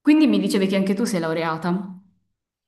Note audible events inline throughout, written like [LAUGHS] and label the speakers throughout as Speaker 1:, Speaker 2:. Speaker 1: Quindi mi dicevi che anche tu sei laureata.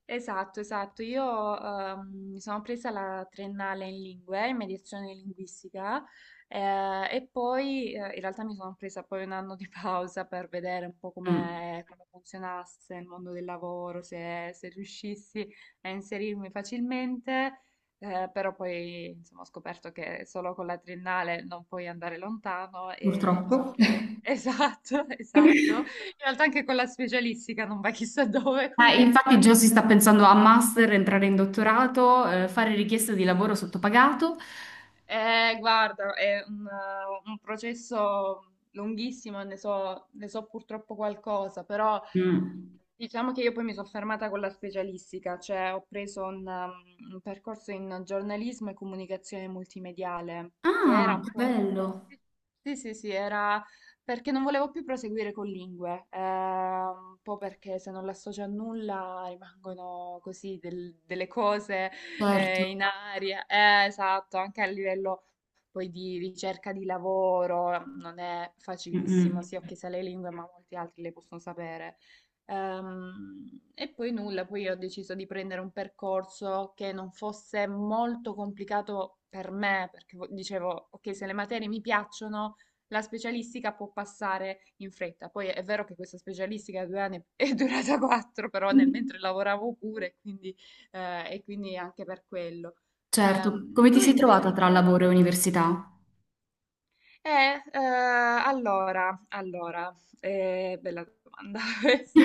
Speaker 2: Esatto, esatto. Io mi sono presa la triennale in lingue, in mediazione linguistica, e poi in realtà mi sono presa poi un anno di pausa per vedere un po'
Speaker 1: Mm.
Speaker 2: come funzionasse il mondo del lavoro, se riuscissi a inserirmi facilmente, però poi insomma, ho scoperto che solo con la triennale non puoi andare lontano e mi sono
Speaker 1: Purtroppo.
Speaker 2: presa [LAUGHS] Esatto, esatto. In
Speaker 1: [LAUGHS]
Speaker 2: realtà anche con la specialistica non va chissà dove
Speaker 1: Infatti
Speaker 2: comunque.
Speaker 1: già si sta pensando a master, entrare in dottorato, fare richiesta di lavoro sottopagato.
Speaker 2: Guarda, è un processo lunghissimo, ne so purtroppo qualcosa, però
Speaker 1: Mm.
Speaker 2: diciamo che io poi mi sono fermata con la specialistica, cioè ho preso un percorso in giornalismo e comunicazione multimediale, che era
Speaker 1: Ah,
Speaker 2: un
Speaker 1: che
Speaker 2: po'.
Speaker 1: bello.
Speaker 2: Sì, sì, sì, era perché non volevo più proseguire con lingue, un po' perché se non l'associo a nulla rimangono così delle cose [LAUGHS]
Speaker 1: Certo.
Speaker 2: in aria. Esatto, anche a livello poi di ricerca di lavoro non è facilissimo.
Speaker 1: Mm-mm.
Speaker 2: Sì, ok, sa le lingue, ma molti altri le possono sapere. E poi nulla, poi ho deciso di prendere un percorso che non fosse molto complicato per me, perché dicevo, ok, se le materie mi piacciono, la specialistica può passare in fretta. Poi è vero che questa specialistica 2 anni è [LAUGHS] è durata quattro, però nel mentre lavoravo pure, e quindi anche per quello.
Speaker 1: Certo.
Speaker 2: Ehm,
Speaker 1: Come ti
Speaker 2: tu
Speaker 1: sei trovata tra
Speaker 2: invece?
Speaker 1: lavoro e università?
Speaker 2: Allora, bella domanda [LAUGHS] questa.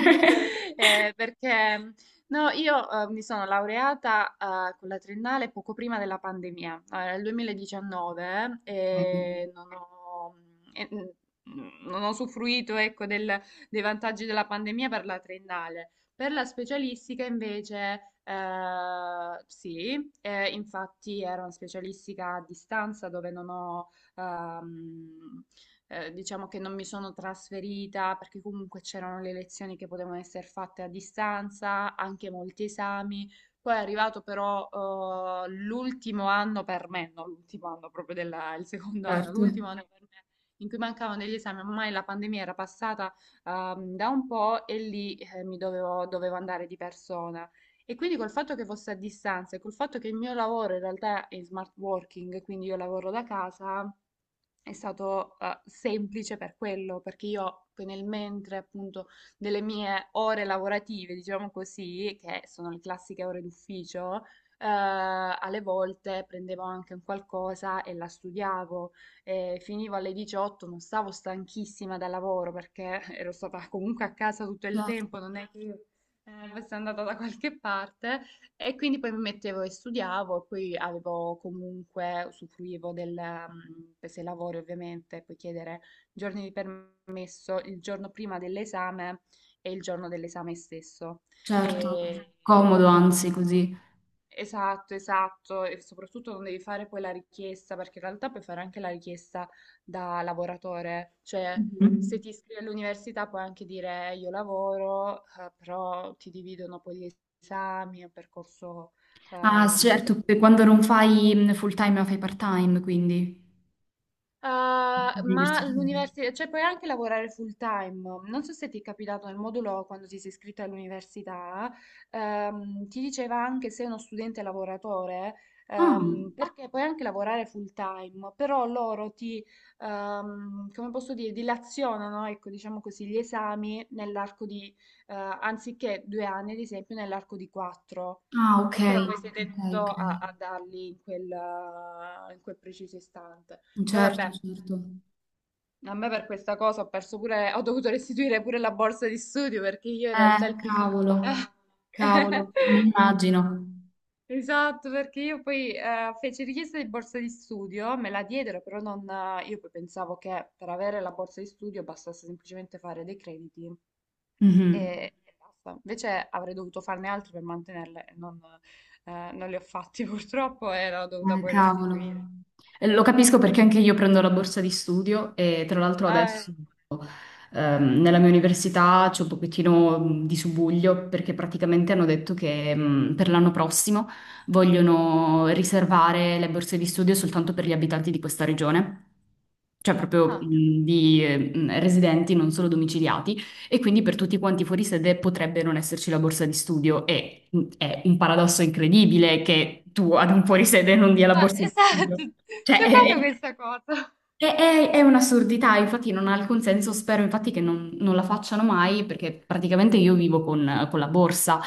Speaker 2: Perché no, io mi sono laureata con la triennale poco prima della pandemia, nel 2019,
Speaker 1: Ok.
Speaker 2: e e, mm, non ho usufruito, ecco, dei vantaggi della pandemia per la triennale. Per la specialistica invece, sì, infatti era una specialistica a distanza dove non ho ehm, diciamo che non mi sono trasferita perché comunque c'erano le lezioni che potevano essere fatte a distanza, anche molti esami. Poi è arrivato però l'ultimo anno per me, non l'ultimo anno proprio il secondo anno,
Speaker 1: Certo,
Speaker 2: l'ultimo anno per me in cui mancavano degli esami, ormai la pandemia era passata da un po' e lì dovevo andare di persona. E quindi col fatto che fosse a distanza e col fatto che il mio lavoro in realtà è smart working, quindi io lavoro da casa, è stato semplice per quello, perché io poi nel mentre appunto delle mie ore lavorative, diciamo così, che sono le classiche ore d'ufficio, alle volte prendevo anche un qualcosa e la studiavo, e finivo alle 18, non stavo stanchissima dal lavoro perché [LAUGHS] ero stata comunque a casa tutto il
Speaker 1: certo,
Speaker 2: tempo, non è che io fossi andata da qualche parte, e quindi poi mi mettevo e studiavo, e poi avevo comunque, usufruivo se lavori ovviamente, puoi chiedere giorni di permesso il giorno prima dell'esame e il giorno dell'esame stesso.
Speaker 1: certo.
Speaker 2: E
Speaker 1: Comodo,
Speaker 2: quindi
Speaker 1: anzi, così.
Speaker 2: Esatto, esatto, e soprattutto non devi fare poi la richiesta, perché in realtà puoi fare anche la richiesta da lavoratore, cioè se
Speaker 1: Mhm.
Speaker 2: ti iscrivi all'università puoi anche dire: io lavoro, però ti dividono poi gli esami, è un percorso eh,
Speaker 1: Ah,
Speaker 2: molto
Speaker 1: certo,
Speaker 2: più".
Speaker 1: per quando non fai full time ma fai part time, quindi
Speaker 2: Ah, ma
Speaker 1: l'università.
Speaker 2: l'università, cioè puoi anche lavorare full time. Non so se ti è capitato nel modulo quando ti sei iscritto all'università, ti diceva anche se sei uno studente lavoratore,
Speaker 1: Ah,
Speaker 2: perché puoi anche lavorare full time, però loro ti, come posso dire, dilazionano, ecco, diciamo così, gli esami nell'arco di, anziché 2 anni, ad esempio, nell'arco di quattro.
Speaker 1: ah, ok,
Speaker 2: E però poi sei
Speaker 1: ok,
Speaker 2: tenuto
Speaker 1: ok.
Speaker 2: a darli in quel preciso istante. Poi
Speaker 1: Certo,
Speaker 2: vabbè,
Speaker 1: certo.
Speaker 2: a me per questa cosa ho perso pure, ho dovuto restituire pure la borsa di studio perché io in
Speaker 1: Eh,
Speaker 2: realtà il primo [LAUGHS]
Speaker 1: cavolo,
Speaker 2: Ah, eh,
Speaker 1: cavolo, mi immagino.
Speaker 2: Esatto, perché io poi feci richiesta di borsa di studio, me la diedero, però non, io poi pensavo che per avere la borsa di studio bastasse semplicemente fare dei crediti
Speaker 1: Mhm.
Speaker 2: e basta. Invece avrei dovuto farne altri per mantenerle, e non li ho fatti [LAUGHS] purtroppo e l'ho dovuta poi restituire.
Speaker 1: Cavolo. Lo capisco perché anche io prendo la borsa di studio e tra l'altro
Speaker 2: Ah.
Speaker 1: adesso nella mia università c'è un pochettino di subuglio perché praticamente hanno detto che per l'anno prossimo vogliono riservare le borse di studio soltanto per gli abitanti di questa regione, cioè proprio
Speaker 2: Ah.
Speaker 1: di residenti, non solo domiciliati. E quindi per tutti quanti fuori sede potrebbe non esserci la borsa di studio. E è un paradosso incredibile che tu ad un fuori sede non dia la
Speaker 2: Ma [LAUGHS]
Speaker 1: borsa di
Speaker 2: esatto,
Speaker 1: studio. Cioè,
Speaker 2: da quando
Speaker 1: è-
Speaker 2: questa cosa?
Speaker 1: è un'assurdità, infatti non ha alcun senso, spero infatti che non la facciano mai perché praticamente io vivo con la borsa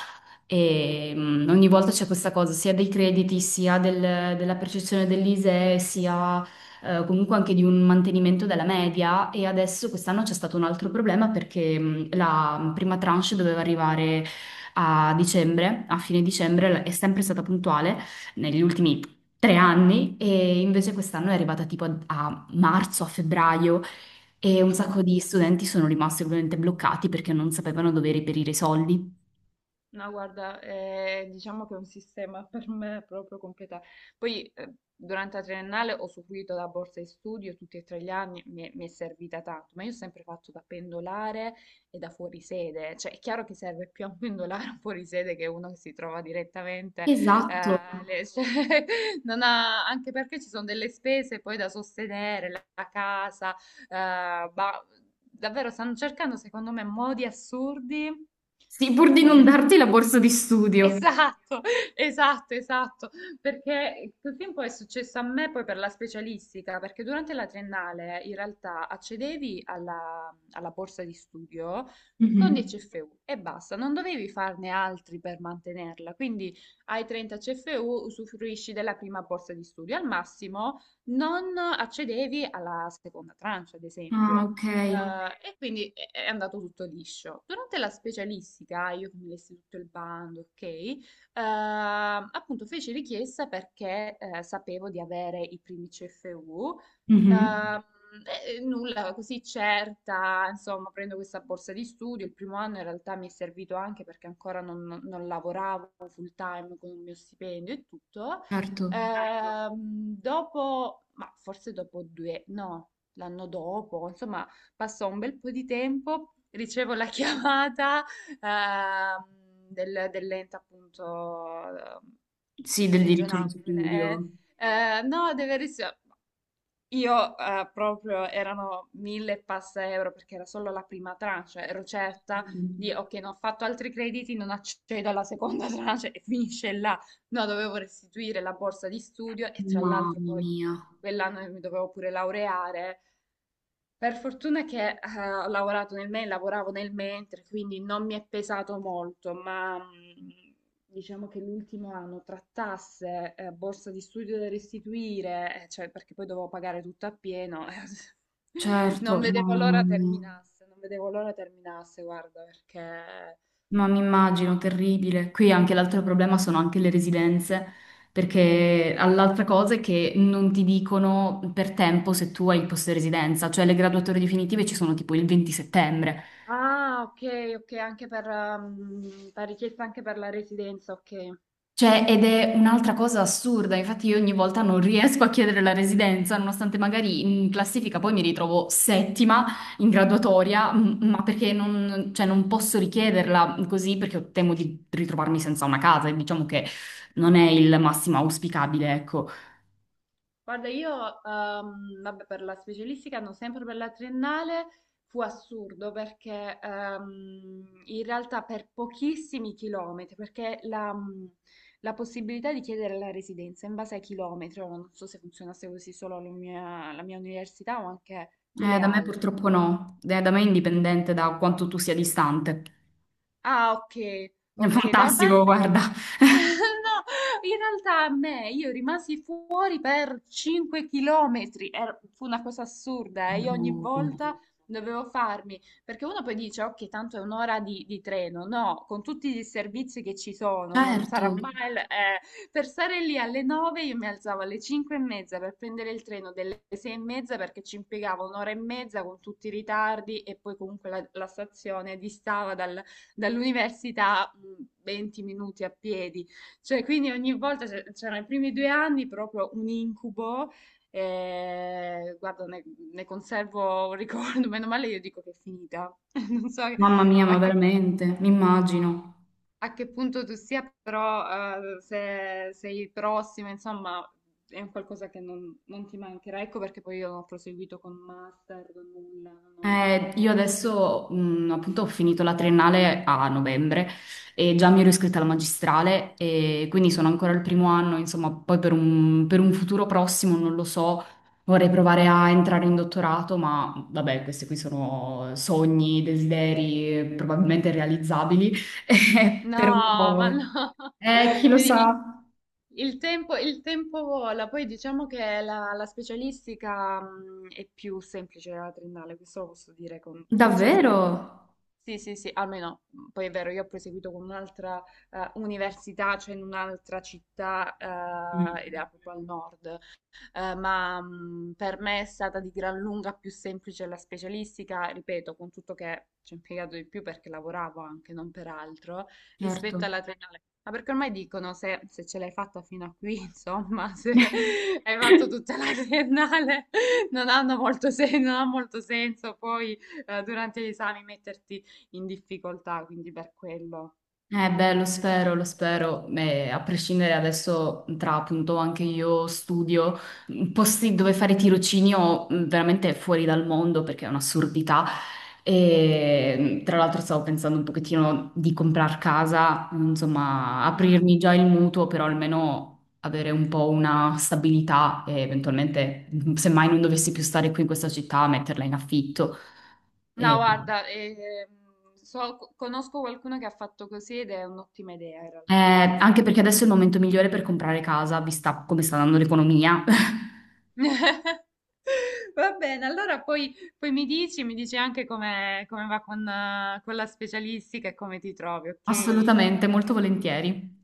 Speaker 1: e ogni volta c'è questa cosa sia dei crediti, della percezione dell'ISEE, sia comunque anche di un mantenimento della media e adesso quest'anno c'è stato un altro problema perché la prima tranche doveva arrivare a dicembre, a fine
Speaker 2: Mm.
Speaker 1: dicembre, è sempre stata puntuale negli ultimi tre anni e invece quest'anno è arrivata tipo a marzo, a febbraio, e un sacco
Speaker 2: No.
Speaker 1: di studenti sono rimasti ovviamente bloccati perché non sapevano dove reperire i soldi.
Speaker 2: No, guarda, diciamo che è un sistema [LAUGHS] per me proprio completato. Poi durante la triennale ho usufruito della borsa di studio tutti e tre gli anni, mi è servita tanto, ma io ho sempre fatto da pendolare e da fuorisede, cioè è chiaro che serve più a un pendolare [LAUGHS] a un fuorisede che uno che si trova direttamente,
Speaker 1: Esatto.
Speaker 2: [LAUGHS] cioè, non ha- anche perché ci sono delle spese poi da sostenere, la casa, ma davvero stanno cercando secondo me modi assurdi
Speaker 1: Sì, pur
Speaker 2: per
Speaker 1: di non
Speaker 2: togliere.
Speaker 1: darti la borsa di studio.
Speaker 2: Esatto, [LAUGHS] esatto, esatto, perché quel film poi è successo a me poi per la specialistica, perché durante la triennale in realtà accedevi alla borsa di studio con
Speaker 1: Mhm.
Speaker 2: 10 CFU e basta, non dovevi farne altri per mantenerla, quindi ai 30 CFU usufruisci della prima borsa di studio, al massimo non accedevi alla seconda tranche, ad
Speaker 1: Ah,
Speaker 2: esempio.
Speaker 1: ok.
Speaker 2: E quindi è andato tutto liscio. Durante la specialistica, io che mi lessi tutto il bando, ok, appunto feci richiesta perché sapevo di avere i primi CFU,
Speaker 1: Mhm.
Speaker 2: ehm, e nulla, così certa, insomma, prendo questa borsa di studio. Il primo anno in realtà mi è servito anche perché ancora non lavoravo full time con il mio stipendio e tutto.
Speaker 1: Certo.
Speaker 2: Certo. Dopo, ma forse dopo due, no, l'anno dopo, insomma, passò un bel po' di tempo, ricevo la [LAUGHS] chiamata ehm, dell'ente appunto
Speaker 1: Sì, del diritto allo
Speaker 2: regionale. quella- eh,
Speaker 1: studio.
Speaker 2: eh, no, deve ricevere. Io proprio erano mille e passa euro perché era solo la prima tranche, cioè ero certa di ok, non ho fatto altri crediti, non accedo alla seconda [LAUGHS] tranche e finisce là. No, dovevo restituire la borsa di studio e tra
Speaker 1: Mamma
Speaker 2: l'altro poi
Speaker 1: mia.
Speaker 2: quell'anno mi dovevo pure laureare, per fortuna che ho lavorato nel mentre, lavoravo nel mentre, quindi non mi è pesato molto, ma diciamo che l'ultimo anno tra tasse, borsa di studio da restituire, cioè perché poi dovevo pagare tutto a pieno, [LAUGHS]
Speaker 1: Certo,
Speaker 2: non vedevo
Speaker 1: mamma
Speaker 2: l'ora
Speaker 1: mia.
Speaker 2: terminasse, non vedevo l'ora terminasse, guarda, perché.
Speaker 1: Ma mi immagino, terribile. Qui anche l'altro problema sono anche le residenze, perché l'altra cosa è che non ti dicono per tempo se tu hai il posto di residenza, cioè le graduatorie definitive ci sono tipo il 20 settembre.
Speaker 2: Ah, ok, ok, anche per, la richiesta anche per la residenza, ok.
Speaker 1: Cioè, ed è un'altra cosa assurda, infatti io ogni volta non riesco a chiedere la residenza, nonostante magari in classifica poi mi ritrovo settima in graduatoria, m- ma perché non, cioè, non posso richiederla così perché temo di ritrovarmi senza una casa e diciamo che non è il massimo auspicabile, ecco.
Speaker 2: Guarda, io, vabbè, per la specialistica, no, sempre per la triennale, fu assurdo perché in realtà per pochissimi chilometri, perché la possibilità di chiedere la residenza in base ai chilometri, ora non so se funzionasse così solo la mia, università o anche con le
Speaker 1: Da me
Speaker 2: altre.
Speaker 1: purtroppo no, eh, da me è indipendente da quanto tu sia distante.
Speaker 2: Ah, ok,
Speaker 1: È
Speaker 2: ok, da una
Speaker 1: fantastico,
Speaker 2: parte.
Speaker 1: guarda.
Speaker 2: [LAUGHS]
Speaker 1: [LAUGHS]
Speaker 2: No, in realtà a me, io rimasi fuori per 5 chilometri. Fu una cosa assurda, eh. Io ogni
Speaker 1: No.
Speaker 2: volta dovevo farmi, perché uno poi dice, ok, tanto è un'ora di treno, no, con tutti i servizi che ci sono, non
Speaker 1: Certo,
Speaker 2: sarà mai. Per stare lì alle 9 io mi alzavo alle 5 e mezza per prendere il treno delle 6 e mezza perché ci impiegavo un'ora e mezza con tutti i ritardi e poi comunque la stazione distava dall'università 20 minuti a piedi. Cioè, quindi ogni volta c'erano i primi 2 anni proprio un incubo. Guarda, ne conservo un ricordo. [LAUGHS] Meno male io dico che è finita. [LAUGHS] Non so
Speaker 1: mamma mia, ma
Speaker 2: a che,
Speaker 1: veramente, mi immagino.
Speaker 2: a che punto tu sia, però se sei prossima, insomma, è un qualcosa che non ti mancherà. Ecco perché poi io non ho proseguito con master, con nulla. Non ho-
Speaker 1: Io adesso, appunto, ho finito la triennale a novembre e già mi ero iscritta alla magistrale e quindi sono ancora al primo anno, insomma, poi per per un futuro prossimo, non lo so, vorrei provare a entrare in dottorato, ma vabbè, questi qui sono sogni, desideri probabilmente realizzabili, [LAUGHS]
Speaker 2: No,
Speaker 1: però
Speaker 2: ma no. [LAUGHS]
Speaker 1: chi lo
Speaker 2: Vedi, Il
Speaker 1: sa?
Speaker 2: il tempo, il tempo vola, poi diciamo che la specialistica è più semplice della triennale, questo lo posso dire con
Speaker 1: Davvero?
Speaker 2: certezza. Sì, sì, sì, almeno, poi è vero, io ho proseguito con un'altra università, cioè in un'altra città, ed
Speaker 1: Mm,
Speaker 2: era proprio al nord, ma per me è stata di gran lunga più semplice la specialistica, ripeto, con tutto che ci ho impiegato di più perché lavoravo anche, non per altro,
Speaker 1: certo.
Speaker 2: rispetto alla triennale. Ma perché ormai dicono se ce l'hai fatta fino a qui, insomma, se [LAUGHS] hai
Speaker 1: [LAUGHS]
Speaker 2: fatto tutta la triennale, [LAUGHS] non ha molto senso poi durante gli esami metterti in difficoltà, quindi per quello.
Speaker 1: Eh beh, lo spero, eh, a prescindere adesso tra appunto anche io studio, posti dove fare tirocinio veramente fuori dal mondo perché è un'assurdità e tra l'altro stavo pensando un pochettino di comprar casa, insomma aprirmi già il mutuo però almeno avere un po' una stabilità e eventualmente semmai non dovessi più stare qui in questa città metterla in affitto.
Speaker 2: No, guarda, conosco qualcuno che ha fatto così ed è un'ottima idea in realtà.
Speaker 1: Anche perché adesso è il momento migliore per comprare casa, vista come sta andando l'economia. [LAUGHS]
Speaker 2: [LAUGHS] Va bene, allora poi mi dici anche come va con la specialistica e come ti trovi, ok?
Speaker 1: Assolutamente, molto volentieri.